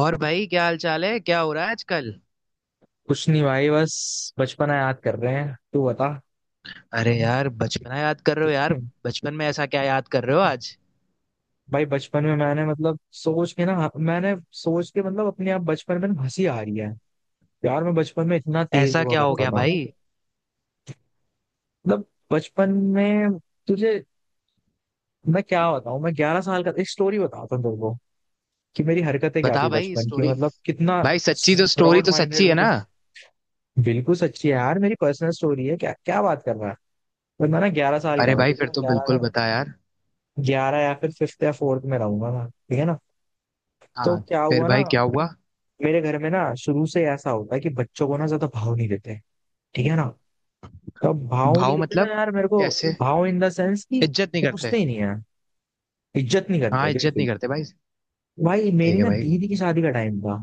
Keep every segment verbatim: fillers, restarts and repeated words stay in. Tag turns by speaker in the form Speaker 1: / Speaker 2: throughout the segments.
Speaker 1: और भाई, क्या हाल चाल है? क्या हो रहा है आजकल?
Speaker 2: कुछ नहीं भाई, बस बचपना याद कर रहे हैं। तू बता।
Speaker 1: अरे यार, बचपना याद कर रहे हो यार? बचपन में ऐसा क्या याद कर रहे हो आज?
Speaker 2: भाई बचपन में मैंने मतलब सोच के ना, मैंने सोच के, मतलब अपने आप बचपन में ना हंसी आ रही है यार। मैं बचपन में इतना तेज
Speaker 1: ऐसा
Speaker 2: हुआ
Speaker 1: क्या हो
Speaker 2: करता
Speaker 1: गया
Speaker 2: था।
Speaker 1: भाई?
Speaker 2: मतलब बचपन में तुझे मैं क्या बताऊं, मैं ग्यारह साल का, एक स्टोरी बताता हूँ तुमको कि मेरी हरकतें क्या
Speaker 1: बता
Speaker 2: थी
Speaker 1: भाई
Speaker 2: बचपन की,
Speaker 1: स्टोरी।
Speaker 2: मतलब कितना
Speaker 1: भाई सच्ची तो? स्टोरी
Speaker 2: ब्रॉड
Speaker 1: तो सच्ची
Speaker 2: माइंडेड।
Speaker 1: है
Speaker 2: मतलब
Speaker 1: ना?
Speaker 2: बिल्कुल सच्ची है यार, मेरी पर्सनल स्टोरी है, क्या क्या बात कर रहा है। पर मैं ना ग्यारह साल का
Speaker 1: अरे
Speaker 2: था,
Speaker 1: भाई,
Speaker 2: ठीक है
Speaker 1: फिर
Speaker 2: ना।
Speaker 1: तो बिल्कुल
Speaker 2: ग्यारह,
Speaker 1: बता यार।
Speaker 2: ग्यारह या फिर फिफ्थ या फोर्थ में रहूंगा मैं, ठीक है ना। तो
Speaker 1: हाँ।
Speaker 2: क्या
Speaker 1: फिर
Speaker 2: हुआ ना,
Speaker 1: भाई क्या हुआ?
Speaker 2: मेरे घर में ना शुरू से ऐसा होता है कि बच्चों को ना ज्यादा भाव नहीं देते, ठीक है ना। तो अब भाव नहीं
Speaker 1: भाव
Speaker 2: देते ना
Speaker 1: मतलब?
Speaker 2: यार मेरे को।
Speaker 1: कैसे?
Speaker 2: भाव इन द सेंस कि
Speaker 1: इज्जत नहीं करते?
Speaker 2: पूछते ही नहीं है, इज्जत नहीं
Speaker 1: हाँ,
Speaker 2: करते
Speaker 1: इज्जत नहीं
Speaker 2: बिल्कुल।
Speaker 1: करते भाई।
Speaker 2: भाई मेरी
Speaker 1: ठीक है
Speaker 2: ना
Speaker 1: भाई।
Speaker 2: दीदी की शादी का टाइम था।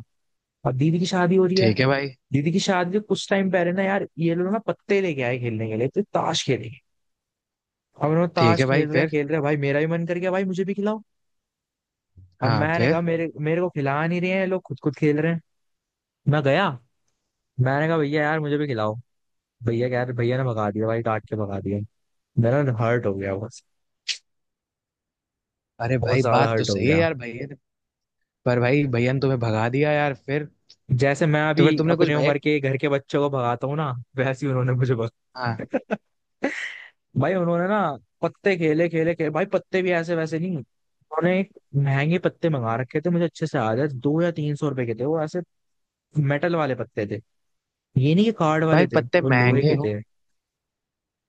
Speaker 2: अब दीदी की शादी हो रही है।
Speaker 1: ठीक है भाई।
Speaker 2: दीदी की शादी से कुछ टाइम पहले ना यार ये लोग ना पत्ते लेके आए खेलने के लिए, तो ताश खेलेंगे। अब उन्होंने,
Speaker 1: ठीक
Speaker 2: ताश
Speaker 1: है भाई,
Speaker 2: खेल रहे हैं
Speaker 1: फिर?
Speaker 2: खेल रहे हैं, भाई मेरा भी मन कर गया, भाई मुझे भी खिलाओ। अब
Speaker 1: हाँ,
Speaker 2: मैंने कहा
Speaker 1: फिर?
Speaker 2: मेरे मेरे को खिला नहीं रहे हैं ये लोग, खुद खुद खेल रहे हैं। मैं गया, मैंने कहा भैया यार मुझे भी खिलाओ। भैया कह रहे, भैया ने भगा दिया भाई, काट के भगा दिया। मेरा हर्ट हो गया बहुत,
Speaker 1: अरे
Speaker 2: बहुत
Speaker 1: भाई,
Speaker 2: ज्यादा
Speaker 1: बात तो
Speaker 2: हर्ट हो
Speaker 1: सही है
Speaker 2: गया।
Speaker 1: यार, भैया ने-। पर भाई, भैया ने तुम्हें भगा दिया यार, फिर?
Speaker 2: जैसे मैं
Speaker 1: तो
Speaker 2: अभी
Speaker 1: फिर तुमने कुछ
Speaker 2: अपने
Speaker 1: भैया?
Speaker 2: उम्र के घर के बच्चों को भगाता हूँ ना, वैसे ही उन्होंने मुझे भगा।
Speaker 1: हाँ।
Speaker 2: भाई उन्होंने ना पत्ते खेले खेले खेले, भाई पत्ते भी ऐसे वैसे नहीं, उन्होंने एक महंगे पत्ते मंगा रखे थे, मुझे अच्छे से याद है, दो या तीन सौ रुपए के थे वो, ऐसे मेटल वाले पत्ते थे। ये नहीं कि कार्ड
Speaker 1: भाई
Speaker 2: वाले थे,
Speaker 1: पत्ते
Speaker 2: वो लोहे
Speaker 1: महंगे
Speaker 2: के
Speaker 1: हो।
Speaker 2: थे।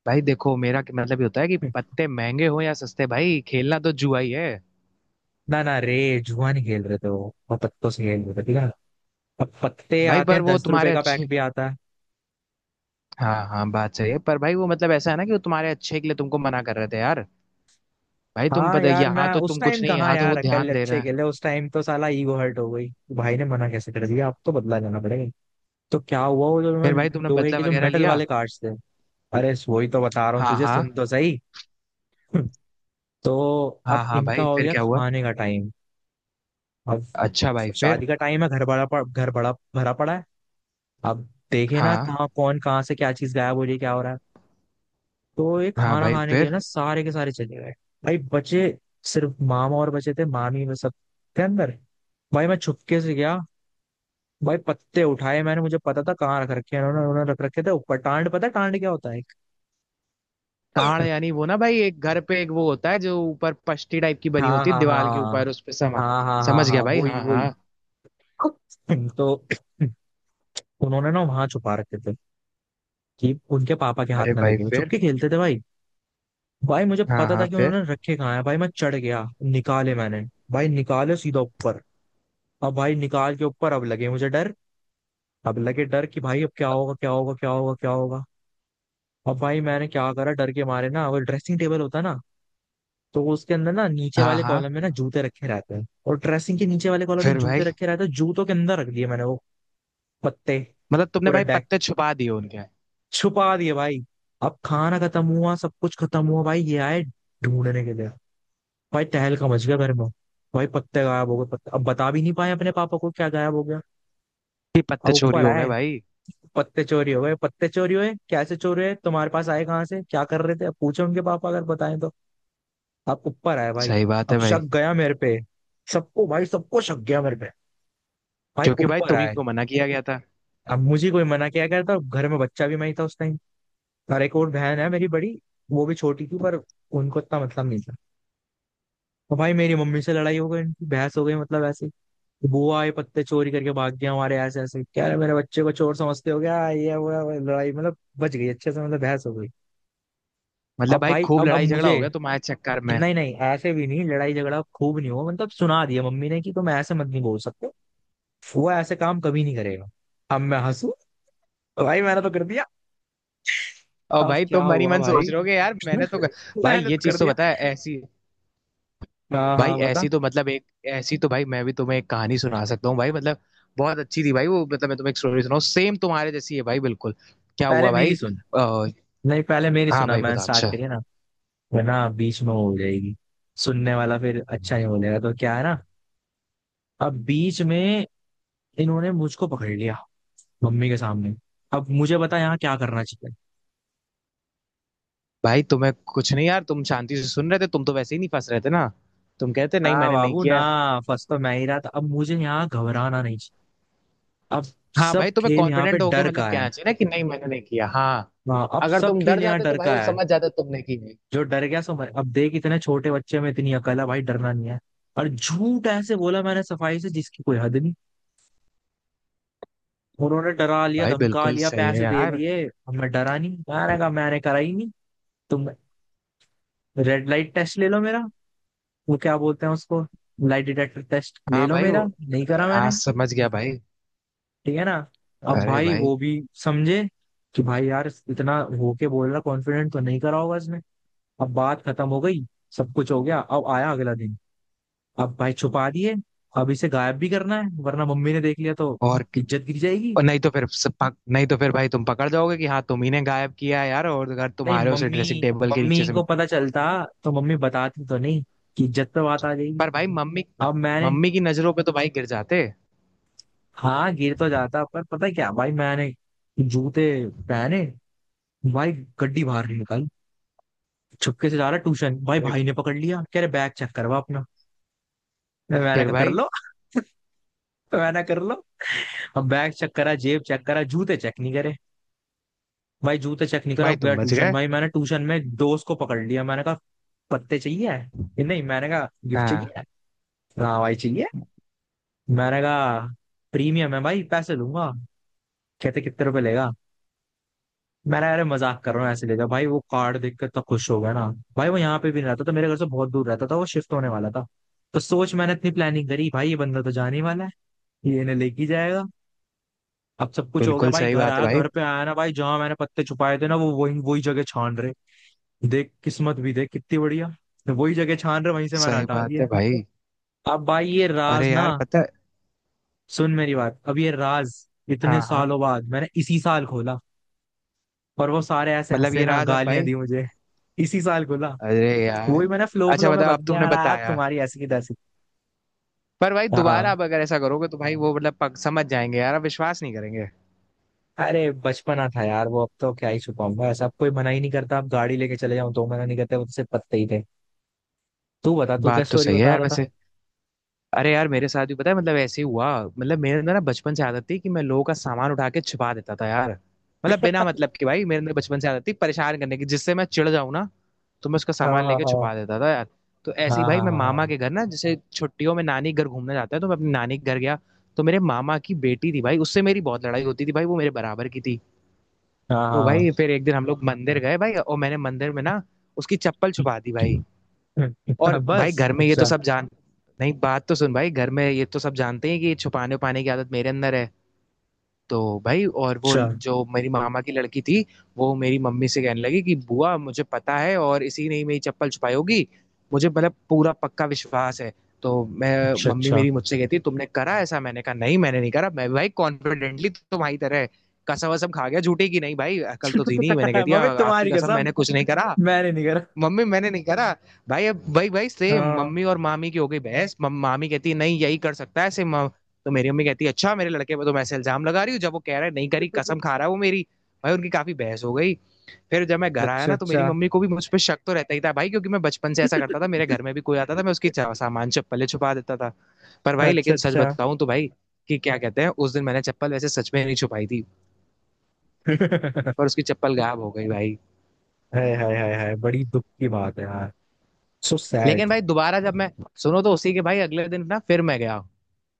Speaker 1: भाई देखो मेरा क्या- मतलब ये होता है कि पत्ते महंगे हो या सस्ते, भाई खेलना तो जुआ ही है।
Speaker 2: ना ना रे, जुआ नहीं खेल रहे थे वो वो पत्तों से खेल रहे थे, ठीक है ना। अब पत्ते
Speaker 1: भाई
Speaker 2: आते
Speaker 1: पर
Speaker 2: हैं
Speaker 1: वो
Speaker 2: दस रुपए
Speaker 1: तुम्हारे
Speaker 2: का पैक
Speaker 1: अच्छे।
Speaker 2: भी आता।
Speaker 1: हाँ हाँ, बात सही है, पर भाई वो मतलब ऐसा है ना कि वो तुम्हारे अच्छे के लिए तुमको मना कर रहे थे यार। भाई तुम
Speaker 2: हाँ
Speaker 1: पता,
Speaker 2: यार,
Speaker 1: यहाँ
Speaker 2: मैं
Speaker 1: तो
Speaker 2: उस
Speaker 1: तुम कुछ
Speaker 2: टाइम
Speaker 1: नहीं,
Speaker 2: कहाँ
Speaker 1: यहाँ तो वो
Speaker 2: यार कल
Speaker 1: ध्यान दे रहे
Speaker 2: अच्छे
Speaker 1: हैं।
Speaker 2: खेले, उस टाइम तो साला ईगो हर्ट हो गई। भाई ने मना कैसे कर दिया, अब तो बदला लेना पड़ेगा। तो क्या हुआ, वो जो
Speaker 1: फिर भाई,
Speaker 2: मैं-
Speaker 1: तुमने
Speaker 2: लोहे
Speaker 1: बदला
Speaker 2: के जो
Speaker 1: वगैरह
Speaker 2: मेटल
Speaker 1: लिया?
Speaker 2: वाले कार्ड्स थे। अरे वही तो बता रहा हूँ
Speaker 1: हाँ
Speaker 2: तुझे, सुन
Speaker 1: हाँ।
Speaker 2: तो सही। तो अब
Speaker 1: हाँ हाँ
Speaker 2: इनका
Speaker 1: भाई,
Speaker 2: हो
Speaker 1: फिर
Speaker 2: गया
Speaker 1: क्या हुआ?
Speaker 2: खाने का टाइम। अब
Speaker 1: अच्छा भाई, फिर?
Speaker 2: शादी का टाइम है, घर बड़ा पड़, घर बड़ा भरा पड़ा है। अब देखे ना
Speaker 1: हाँ
Speaker 2: कहाँ कौन कहाँ से क्या चीज गायब हो रही है क्या हो रहा है। तो ये
Speaker 1: हाँ
Speaker 2: खाना
Speaker 1: भाई,
Speaker 2: खाने के लिए
Speaker 1: फिर?
Speaker 2: ना सारे के सारे चले गए। भाई बचे सिर्फ मामा, और बचे थे मामी, में सब के अंदर। भाई मैं छुपके से गया, भाई पत्ते उठाए मैंने, मुझे पता था कहाँ रख रखे हैं उन्होंने उन्होंने रख रखे थे ऊपर टांड, पता है टांड क्या होता है।
Speaker 1: ताड़ यानी वो ना भाई, एक घर पे एक वो होता है जो ऊपर पष्टी टाइप की बनी
Speaker 2: हाँ
Speaker 1: होती है
Speaker 2: हाँ
Speaker 1: दीवार के
Speaker 2: हाँ।
Speaker 1: ऊपर, उस पे समझ।
Speaker 2: हाँ हाँ हाँ
Speaker 1: समझ
Speaker 2: हाँ,
Speaker 1: गया भाई,
Speaker 2: वही
Speaker 1: हाँ हाँ।
Speaker 2: वही। तो उन्होंने ना वहां छुपा रखे थे कि उनके पापा के हाथ
Speaker 1: अरे
Speaker 2: ना
Speaker 1: भाई,
Speaker 2: लगे, वो
Speaker 1: फिर?
Speaker 2: चुपके खेलते थे भाई। भाई मुझे
Speaker 1: हाँ
Speaker 2: पता था
Speaker 1: हाँ,
Speaker 2: कि उन्होंने
Speaker 1: फिर?
Speaker 2: रखे कहाँ है, भाई मैं चढ़ गया, निकाले मैंने। भाई निकाले सीधा ऊपर, अब भाई निकाल के ऊपर अब लगे मुझे डर। अब लगे डर कि भाई अब क्या होगा क्या होगा क्या होगा क्या होगा। अब भाई मैंने क्या करा, डर के मारे ना, वो ड्रेसिंग टेबल होता है ना, तो उसके अंदर ना नीचे
Speaker 1: हाँ
Speaker 2: वाले कॉलम
Speaker 1: हाँ,
Speaker 2: में ना जूते रखे रहते हैं, और ड्रेसिंग के नीचे वाले कॉलम में
Speaker 1: फिर
Speaker 2: जूते
Speaker 1: भाई?
Speaker 2: रखे रहते हैं, जूतों के अंदर रख दिए मैंने वो पत्ते।
Speaker 1: मतलब तुमने
Speaker 2: पूरा
Speaker 1: भाई
Speaker 2: डेक
Speaker 1: पत्ते छुपा दिए उनके?
Speaker 2: छुपा दिए भाई। अब खाना खत्म हुआ सब कुछ खत्म हुआ, भाई ये आए ढूंढने के लिए। भाई तहलका मच गया घर में। भाई पत्ते गायब हो गए, पत्ते अब बता भी नहीं पाए अपने पापा को क्या गायब हो गया।
Speaker 1: कि
Speaker 2: अब
Speaker 1: पत्ते चोरी
Speaker 2: ऊपर
Speaker 1: हो गए
Speaker 2: आए,
Speaker 1: भाई?
Speaker 2: पत्ते चोरी हो गए, पत्ते चोरी हुए कैसे चोरी हुए, तुम्हारे पास आए कहाँ से, क्या कर रहे थे, अब पूछे उनके पापा, अगर बताएं तो। अब ऊपर आए भाई,
Speaker 1: सही बात
Speaker 2: अब
Speaker 1: है भाई।
Speaker 2: शक गया मेरे पे, सबको भाई सबको शक गया मेरे पे। भाई
Speaker 1: क्योंकि भाई
Speaker 2: ऊपर
Speaker 1: तुम्ही
Speaker 2: आए।
Speaker 1: को मना किया गया था।
Speaker 2: अब मुझे कोई मना क्या करता, घर में बच्चा भी मैं ही था उस टाइम। और एक और बहन है मेरी बड़ी, वो भी छोटी थी पर उनको इतना मतलब नहीं था। तो भाई मेरी मम्मी से लड़ाई हो गई, इनकी बहस हो गई, मतलब ऐसे ही। बुआ ये पत्ते चोरी करके भाग गया हमारे ऐसे ऐसे, क्या रे मेरे बच्चे को चोर समझते हो क्या, ये वो है, वो, है, लड़ाई मतलब बच गई अच्छे से, मतलब बहस हो गई।
Speaker 1: मतलब
Speaker 2: अब
Speaker 1: भाई
Speaker 2: भाई
Speaker 1: खूब
Speaker 2: अब अब
Speaker 1: लड़ाई झगड़ा
Speaker 2: मुझे,
Speaker 1: हो गया तुम्हारे चक्कर में?
Speaker 2: नहीं नहीं ऐसे भी नहीं, लड़ाई झगड़ा खूब नहीं हुआ, मतलब सुना दिया मम्मी ने कि तुम ऐसे मत, नहीं बोल सकते, वो ऐसे काम कभी नहीं करेगा। अब मैं हंसू, भाई मैंने तो कर दिया।
Speaker 1: और
Speaker 2: अब
Speaker 1: भाई
Speaker 2: क्या
Speaker 1: तुम मन ही
Speaker 2: हुआ
Speaker 1: मन
Speaker 2: भाई।
Speaker 1: सोच रहे होगे यार, मैंने तो। भाई ये
Speaker 2: मेहनत कर
Speaker 1: चीज तो
Speaker 2: दिया।
Speaker 1: बताया ऐसी।
Speaker 2: हाँ
Speaker 1: भाई
Speaker 2: हाँ, बता।
Speaker 1: ऐसी तो मतलब एक। ऐसी तो भाई मैं भी तुम्हें एक कहानी सुना सकता हूँ भाई, मतलब बहुत अच्छी थी भाई वो, मतलब मैं तुम्हें एक स्टोरी सुनाऊँ, सेम तुम्हारे जैसी है भाई, बिल्कुल। क्या
Speaker 2: पहले
Speaker 1: हुआ
Speaker 2: मेरी
Speaker 1: भाई?
Speaker 2: सुन,
Speaker 1: आ,।
Speaker 2: नहीं पहले मेरी
Speaker 1: हाँ
Speaker 2: सुना,
Speaker 1: भाई,
Speaker 2: मैंने
Speaker 1: बता,
Speaker 2: स्टार्ट
Speaker 1: अच्छा।
Speaker 2: करी ना, वरना बीच में वो हो जाएगी, सुनने वाला फिर अच्छा नहीं बोलेगा, तो क्या है ना। अब बीच में इन्होंने मुझको पकड़ लिया मम्मी के सामने। अब मुझे बता यहाँ क्या करना चाहिए।
Speaker 1: भाई तुम्हें कुछ नहीं यार, तुम शांति से सुन रहे थे, तुम तो वैसे ही नहीं फंस रहे थे ना। तुम कहते
Speaker 2: ना
Speaker 1: नहीं, मैंने नहीं
Speaker 2: बाबू ना,
Speaker 1: किया है।
Speaker 2: फर्स्ट तो मैं ही रहा था, अब मुझे यहाँ घबराना नहीं चाहिए। अब
Speaker 1: हाँ
Speaker 2: सब
Speaker 1: भाई, तुम्हें
Speaker 2: खेल यहाँ पे
Speaker 1: कॉन्फिडेंट होके
Speaker 2: डर
Speaker 1: मतलब
Speaker 2: का है।
Speaker 1: कहना चाहिए ना कि नहीं, मैंने नहीं किया। हाँ,
Speaker 2: हाँ, अब
Speaker 1: अगर
Speaker 2: सब
Speaker 1: तुम डर
Speaker 2: खेल यहाँ
Speaker 1: जाते तो
Speaker 2: डर
Speaker 1: भाई
Speaker 2: का
Speaker 1: वो
Speaker 2: है।
Speaker 1: समझ जाते तुमने की नहीं।
Speaker 2: जो डर गया सो मर। अब देख इतने छोटे बच्चे में इतनी अकल है, भाई डरना नहीं है। और झूठ ऐसे बोला मैंने सफाई से जिसकी कोई हद नहीं। उन्होंने डरा लिया,
Speaker 1: भाई
Speaker 2: धमका
Speaker 1: बिल्कुल
Speaker 2: लिया,
Speaker 1: सही है
Speaker 2: पैसे दे
Speaker 1: यार।
Speaker 2: लिए, अब मैं डरा नहीं, मैंने कहा मैंने करा ही नहीं। तुम रेड लाइट टेस्ट ले लो मेरा, वो क्या बोलते हैं उसको, लाइट डिटेक्टर टेस्ट ले
Speaker 1: हाँ
Speaker 2: लो
Speaker 1: भाई वो।
Speaker 2: मेरा। नहीं करा
Speaker 1: हाँ,
Speaker 2: मैंने,
Speaker 1: समझ गया भाई।
Speaker 2: ठीक है ना। अब
Speaker 1: अरे
Speaker 2: भाई
Speaker 1: भाई।
Speaker 2: वो भी समझे कि भाई यार इतना होके बोल रहा कॉन्फिडेंट, तो नहीं करा होगा इसने। अब बात खत्म हो गई, सब कुछ हो गया, अब आया अगला दिन। अब भाई छुपा दिए, अब इसे गायब भी करना है, वरना मम्मी ने देख लिया तो
Speaker 1: और क-।
Speaker 2: इज्जत गिर जाएगी।
Speaker 1: और नहीं तो फिर सब पक, नहीं तो फिर भाई तुम पकड़ जाओगे कि हाँ तुम ही ने गायब किया है यार। और अगर
Speaker 2: नहीं
Speaker 1: तुम्हारे उसे
Speaker 2: मम्मी
Speaker 1: ड्रेसिंग टेबल के नीचे
Speaker 2: मम्मी
Speaker 1: से
Speaker 2: को
Speaker 1: मैं।
Speaker 2: पता चलता तो मम्मी बताती तो नहीं, कि इज्जत पे बात आ जाएगी।
Speaker 1: पर भाई मम्मी,
Speaker 2: अब मैंने,
Speaker 1: मम्मी की नजरों पे तो भाई गिर जाते।
Speaker 2: हाँ गिर तो जाता पर पता है क्या भाई, मैंने जूते पहने भाई, गड्डी बाहर निकाली, छुपके से जा रहा ट्यूशन, भाई
Speaker 1: अरे,
Speaker 2: भाई ने पकड़ लिया, कह रहे बैग चेक करवा अपना। मैंने
Speaker 1: फिर
Speaker 2: कहा कर
Speaker 1: भाई,
Speaker 2: लो। मैंने कहा, कर लो। अब बैग चेक करा, जेब चेक करा, जूते चेक नहीं करे। भाई जूते चेक नहीं करा,
Speaker 1: भाई
Speaker 2: गया
Speaker 1: तुम बच
Speaker 2: ट्यूशन,
Speaker 1: गए?
Speaker 2: भाई मैंने ट्यूशन में दोस्त को पकड़ लिया, मैंने कहा पत्ते चाहिए। ये नहीं, मैंने कहा गिफ्ट
Speaker 1: हाँ।
Speaker 2: चाहिए। हाँ भाई चाहिए, मैंने कहा प्रीमियम है भाई, पैसे दूंगा। कहते कितने रुपए लेगा, मैंने कहा, अरे मजाक कर रहा हूँ, ऐसे ले जाओ। भाई वो कार्ड देख के इतना खुश हो गया ना। भाई वो यहाँ पे भी नहीं रहता था, मेरे घर से बहुत दूर रहता था, वो शिफ्ट होने वाला था। तो सोच मैंने इतनी प्लानिंग करी, भाई ये बंदा तो जाने वाला है, ये इन्हें लेके जाएगा। अब सब कुछ हो गया
Speaker 1: बिल्कुल
Speaker 2: भाई,
Speaker 1: सही
Speaker 2: घर
Speaker 1: बात है
Speaker 2: आया,
Speaker 1: भाई।
Speaker 2: घर पे आया ना भाई, जहां मैंने पत्ते छुपाए थे ना, वो वही वही जगह छान रहे। देख किस्मत भी देख कितनी बढ़िया, वही जगह छान रहे, वहीं से मैंने
Speaker 1: सही
Speaker 2: हटा
Speaker 1: बात
Speaker 2: दिए।
Speaker 1: है भाई।
Speaker 2: अब भाई ये राज
Speaker 1: अरे
Speaker 2: ना,
Speaker 1: यार, पता है।
Speaker 2: सुन मेरी बात, अब ये राज इतने
Speaker 1: हाँ हाँ।
Speaker 2: सालों बाद मैंने इसी साल खोला। और वो सारे ऐसे
Speaker 1: मतलब
Speaker 2: हंसे
Speaker 1: ये
Speaker 2: ना,
Speaker 1: रहा अब
Speaker 2: गालियां
Speaker 1: भाई।
Speaker 2: दी मुझे। इसी साल खोला,
Speaker 1: अरे
Speaker 2: वही
Speaker 1: यार।
Speaker 2: मैंने फ्लो
Speaker 1: अच्छा,
Speaker 2: फ्लो में
Speaker 1: बताओ
Speaker 2: बक
Speaker 1: अब
Speaker 2: दिया
Speaker 1: तुमने
Speaker 2: यार,
Speaker 1: बताया।
Speaker 2: तुम्हारी ऐसी की तैसी।
Speaker 1: पर भाई दोबारा
Speaker 2: हाँ,
Speaker 1: अब अगर ऐसा करोगे तो भाई वो मतलब पक, समझ जाएंगे यार, अब विश्वास नहीं करेंगे।
Speaker 2: अरे बचपना था यार वो, अब तो क्या ही छुपाऊंगा ऐसा, अब कोई मना ही नहीं करता, अब गाड़ी लेके चले जाऊं तो मना नहीं करते, वो तो सिर्फ पत्ते ही थे। तू बता, तू क्या
Speaker 1: बात तो
Speaker 2: स्टोरी
Speaker 1: सही है
Speaker 2: बता
Speaker 1: यार
Speaker 2: रहा था।
Speaker 1: वैसे। अरे यार, मेरे साथ भी पता है मतलब ऐसे ही हुआ। मतलब मेरे अंदर ना बचपन से आदत थी कि मैं लोगों का सामान उठा के छिपा देता था यार। मतलब बिना मतलब, कि भाई मेरे अंदर बचपन से आदत थी परेशान करने की, जिससे मैं चिढ़ जाऊं ना, तो मैं उसका
Speaker 2: हाँ
Speaker 1: सामान लेके
Speaker 2: हाँ
Speaker 1: छुपा देता था यार। तो
Speaker 2: हाँ
Speaker 1: ऐसे ही भाई
Speaker 2: हाँ।
Speaker 1: मैं
Speaker 2: हाँ
Speaker 1: मामा
Speaker 2: हाँ
Speaker 1: के घर ना, जैसे छुट्टियों में नानी के घर घूमने जाता है, तो मैं अपनी नानी के घर गया। तो मेरे मामा की बेटी थी भाई, उससे मेरी बहुत लड़ाई होती थी भाई, वो मेरे बराबर की थी। तो
Speaker 2: हाँ
Speaker 1: भाई फिर एक दिन हम लोग मंदिर गए भाई, और मैंने मंदिर में ना उसकी चप्पल छुपा दी भाई।
Speaker 2: हाँ। हाँ।
Speaker 1: और भाई
Speaker 2: बस
Speaker 1: घर में ये तो
Speaker 2: अच्छा।
Speaker 1: सब जान। नहीं, बात तो सुन भाई, घर में ये तो सब जानते हैं कि ये छुपाने उपाने की आदत मेरे अंदर है। तो भाई और वो
Speaker 2: अच्छा
Speaker 1: जो मेरी मामा की लड़की थी, वो मेरी मम्मी से कहने लगी कि बुआ मुझे पता है और इसी ने ही मेरी चप्पल छुपाई होगी, मुझे मतलब पूरा पक्का विश्वास है। तो मैं,
Speaker 2: अच्छा
Speaker 1: मम्मी
Speaker 2: अच्छा।
Speaker 1: मेरी मुझसे कहती तुमने करा ऐसा, मैंने कहा नहीं मैंने नहीं करा, मैं भी भाई कॉन्फिडेंटली तुम्हारी तरह कसम वसम खा गया झूठे की, नहीं भाई अकल तो थी नहीं, मैंने कह दिया
Speaker 2: मम्मी
Speaker 1: आपकी
Speaker 2: तुम्हारी
Speaker 1: कसम
Speaker 2: कसम,
Speaker 1: मैंने कुछ नहीं करा,
Speaker 2: मैंने नहीं करा।
Speaker 1: मम्मी मैंने नहीं करा। भाई अब भाई भाई सेम
Speaker 2: हाँ
Speaker 1: मम्मी और मामी की हो गई बहस। मम- मामी कहती है नहीं यही कर सकता है ऐसे म-। तो मेरी मम्मी कहती है अच्छा, मेरे लड़के पे तुम ऐसे इल्जाम लगा रही हो जब वो कह रहा है नहीं करी, कसम खा रहा है वो मेरी। भाई उनकी काफी बहस हो गई। फिर जब मैं घर आया
Speaker 2: अच्छा
Speaker 1: ना, तो मेरी
Speaker 2: अच्छा।
Speaker 1: मम्मी को भी मुझ पर शक तो रहता ही था भाई, क्योंकि मैं बचपन से ऐसा करता था, मेरे घर में भी कोई आता था मैं उसकी चा- सामान चप्पलें छुपा देता था। पर भाई
Speaker 2: अच्छा
Speaker 1: लेकिन सच
Speaker 2: अच्छा।
Speaker 1: बताऊं तो भाई कि क्या कहते हैं, उस दिन मैंने चप्पल वैसे सच में नहीं छुपाई थी, पर उसकी चप्पल गायब हो गई भाई।
Speaker 2: हाय हाय हाय हाय, बड़ी दुख की बात है यार, सो
Speaker 1: लेकिन
Speaker 2: सैड।
Speaker 1: भाई दोबारा जब मैं, सुनो तो, उसी के भाई अगले दिन ना फिर मैं गया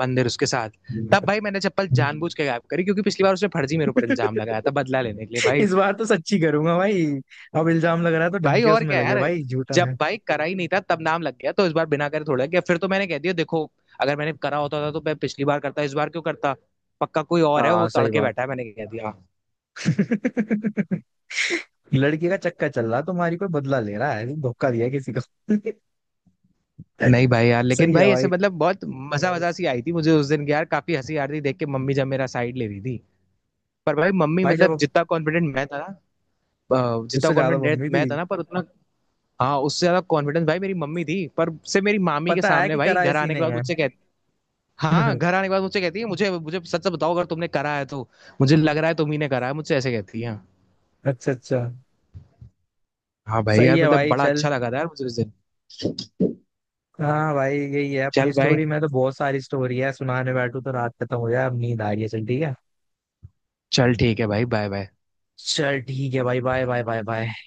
Speaker 1: मंदिर उसके साथ। तब भाई मैंने चप्पल जानबूझ के गायब करी, क्योंकि पिछली बार उसने फर्जी मेरे ऊपर इंजाम लगाया था, बदला लेने के लिए भाई।
Speaker 2: इस बार तो सच्ची करूंगा भाई। अब इल्जाम लग रहा है तो ढंग
Speaker 1: भाई
Speaker 2: के
Speaker 1: और
Speaker 2: उसमें
Speaker 1: क्या
Speaker 2: लगे,
Speaker 1: यार।
Speaker 2: भाई झूठा
Speaker 1: जब
Speaker 2: है।
Speaker 1: भाई करा ही नहीं था तब नाम लग गया, तो इस बार बिना करे थोड़ा गया। फिर तो मैंने कह दिया देखो, अगर मैंने करा होता था तो मैं पिछली बार करता, इस बार क्यों करता? पक्का कोई और है,
Speaker 2: हाँ
Speaker 1: वो
Speaker 2: सही
Speaker 1: तड़के
Speaker 2: बात।
Speaker 1: बैठा है, मैंने कह दिया।
Speaker 2: लड़की का चक्कर चल रहा तुम्हारी, कोई बदला ले रहा है, धोखा दिया किसी को।
Speaker 1: नहीं भाई यार, लेकिन
Speaker 2: सही है
Speaker 1: भाई ऐसे
Speaker 2: भाई।
Speaker 1: मतलब बहुत मजा मजा सी आई थी मुझे उस दिन की यार, काफी हंसी आ रही थी देख के, मम्मी जब मेरा साइड ले रही थी। पर भाई मम्मी
Speaker 2: भाई
Speaker 1: मतलब
Speaker 2: जब,
Speaker 1: जितना कॉन्फिडेंट मैं था ना, जितना
Speaker 2: उससे ज्यादा
Speaker 1: कॉन्फिडेंट
Speaker 2: मम्मी
Speaker 1: मैं
Speaker 2: थी,
Speaker 1: था ना पर उतना। हाँ, उससे ज्यादा कॉन्फिडेंस भाई मेरी मम्मी थी। पर से मेरी मामी के
Speaker 2: पता है
Speaker 1: सामने
Speaker 2: कि
Speaker 1: भाई
Speaker 2: करा
Speaker 1: घर
Speaker 2: ऐसी
Speaker 1: आने के
Speaker 2: नहीं
Speaker 1: बाद
Speaker 2: है।
Speaker 1: मुझसे कहती। हाँ, घर आने के बाद मुझसे कहती है मुझे मुझे सच सच बताओ अगर तुमने करा है तो, मुझे लग रहा है तुम ही ने करा है मुझझे, ऐसे कहती है।
Speaker 2: अच्छा अच्छा।
Speaker 1: हाँ भाई
Speaker 2: सही
Speaker 1: यार,
Speaker 2: है
Speaker 1: मतलब
Speaker 2: भाई,
Speaker 1: बड़ा
Speaker 2: चल।
Speaker 1: अच्छा लगा था यार मुझे उस दिन।
Speaker 2: हाँ भाई यही है, अपनी
Speaker 1: चल भाई।
Speaker 2: स्टोरी में तो बहुत सारी स्टोरी है, सुनाने बैठू तो रात खत्म हो जाए, अब नींद आ रही है, चल ठीक है।
Speaker 1: चल, ठीक है भाई, बाय बाय।
Speaker 2: चल ठीक है भाई, बाय बाय बाय बाय।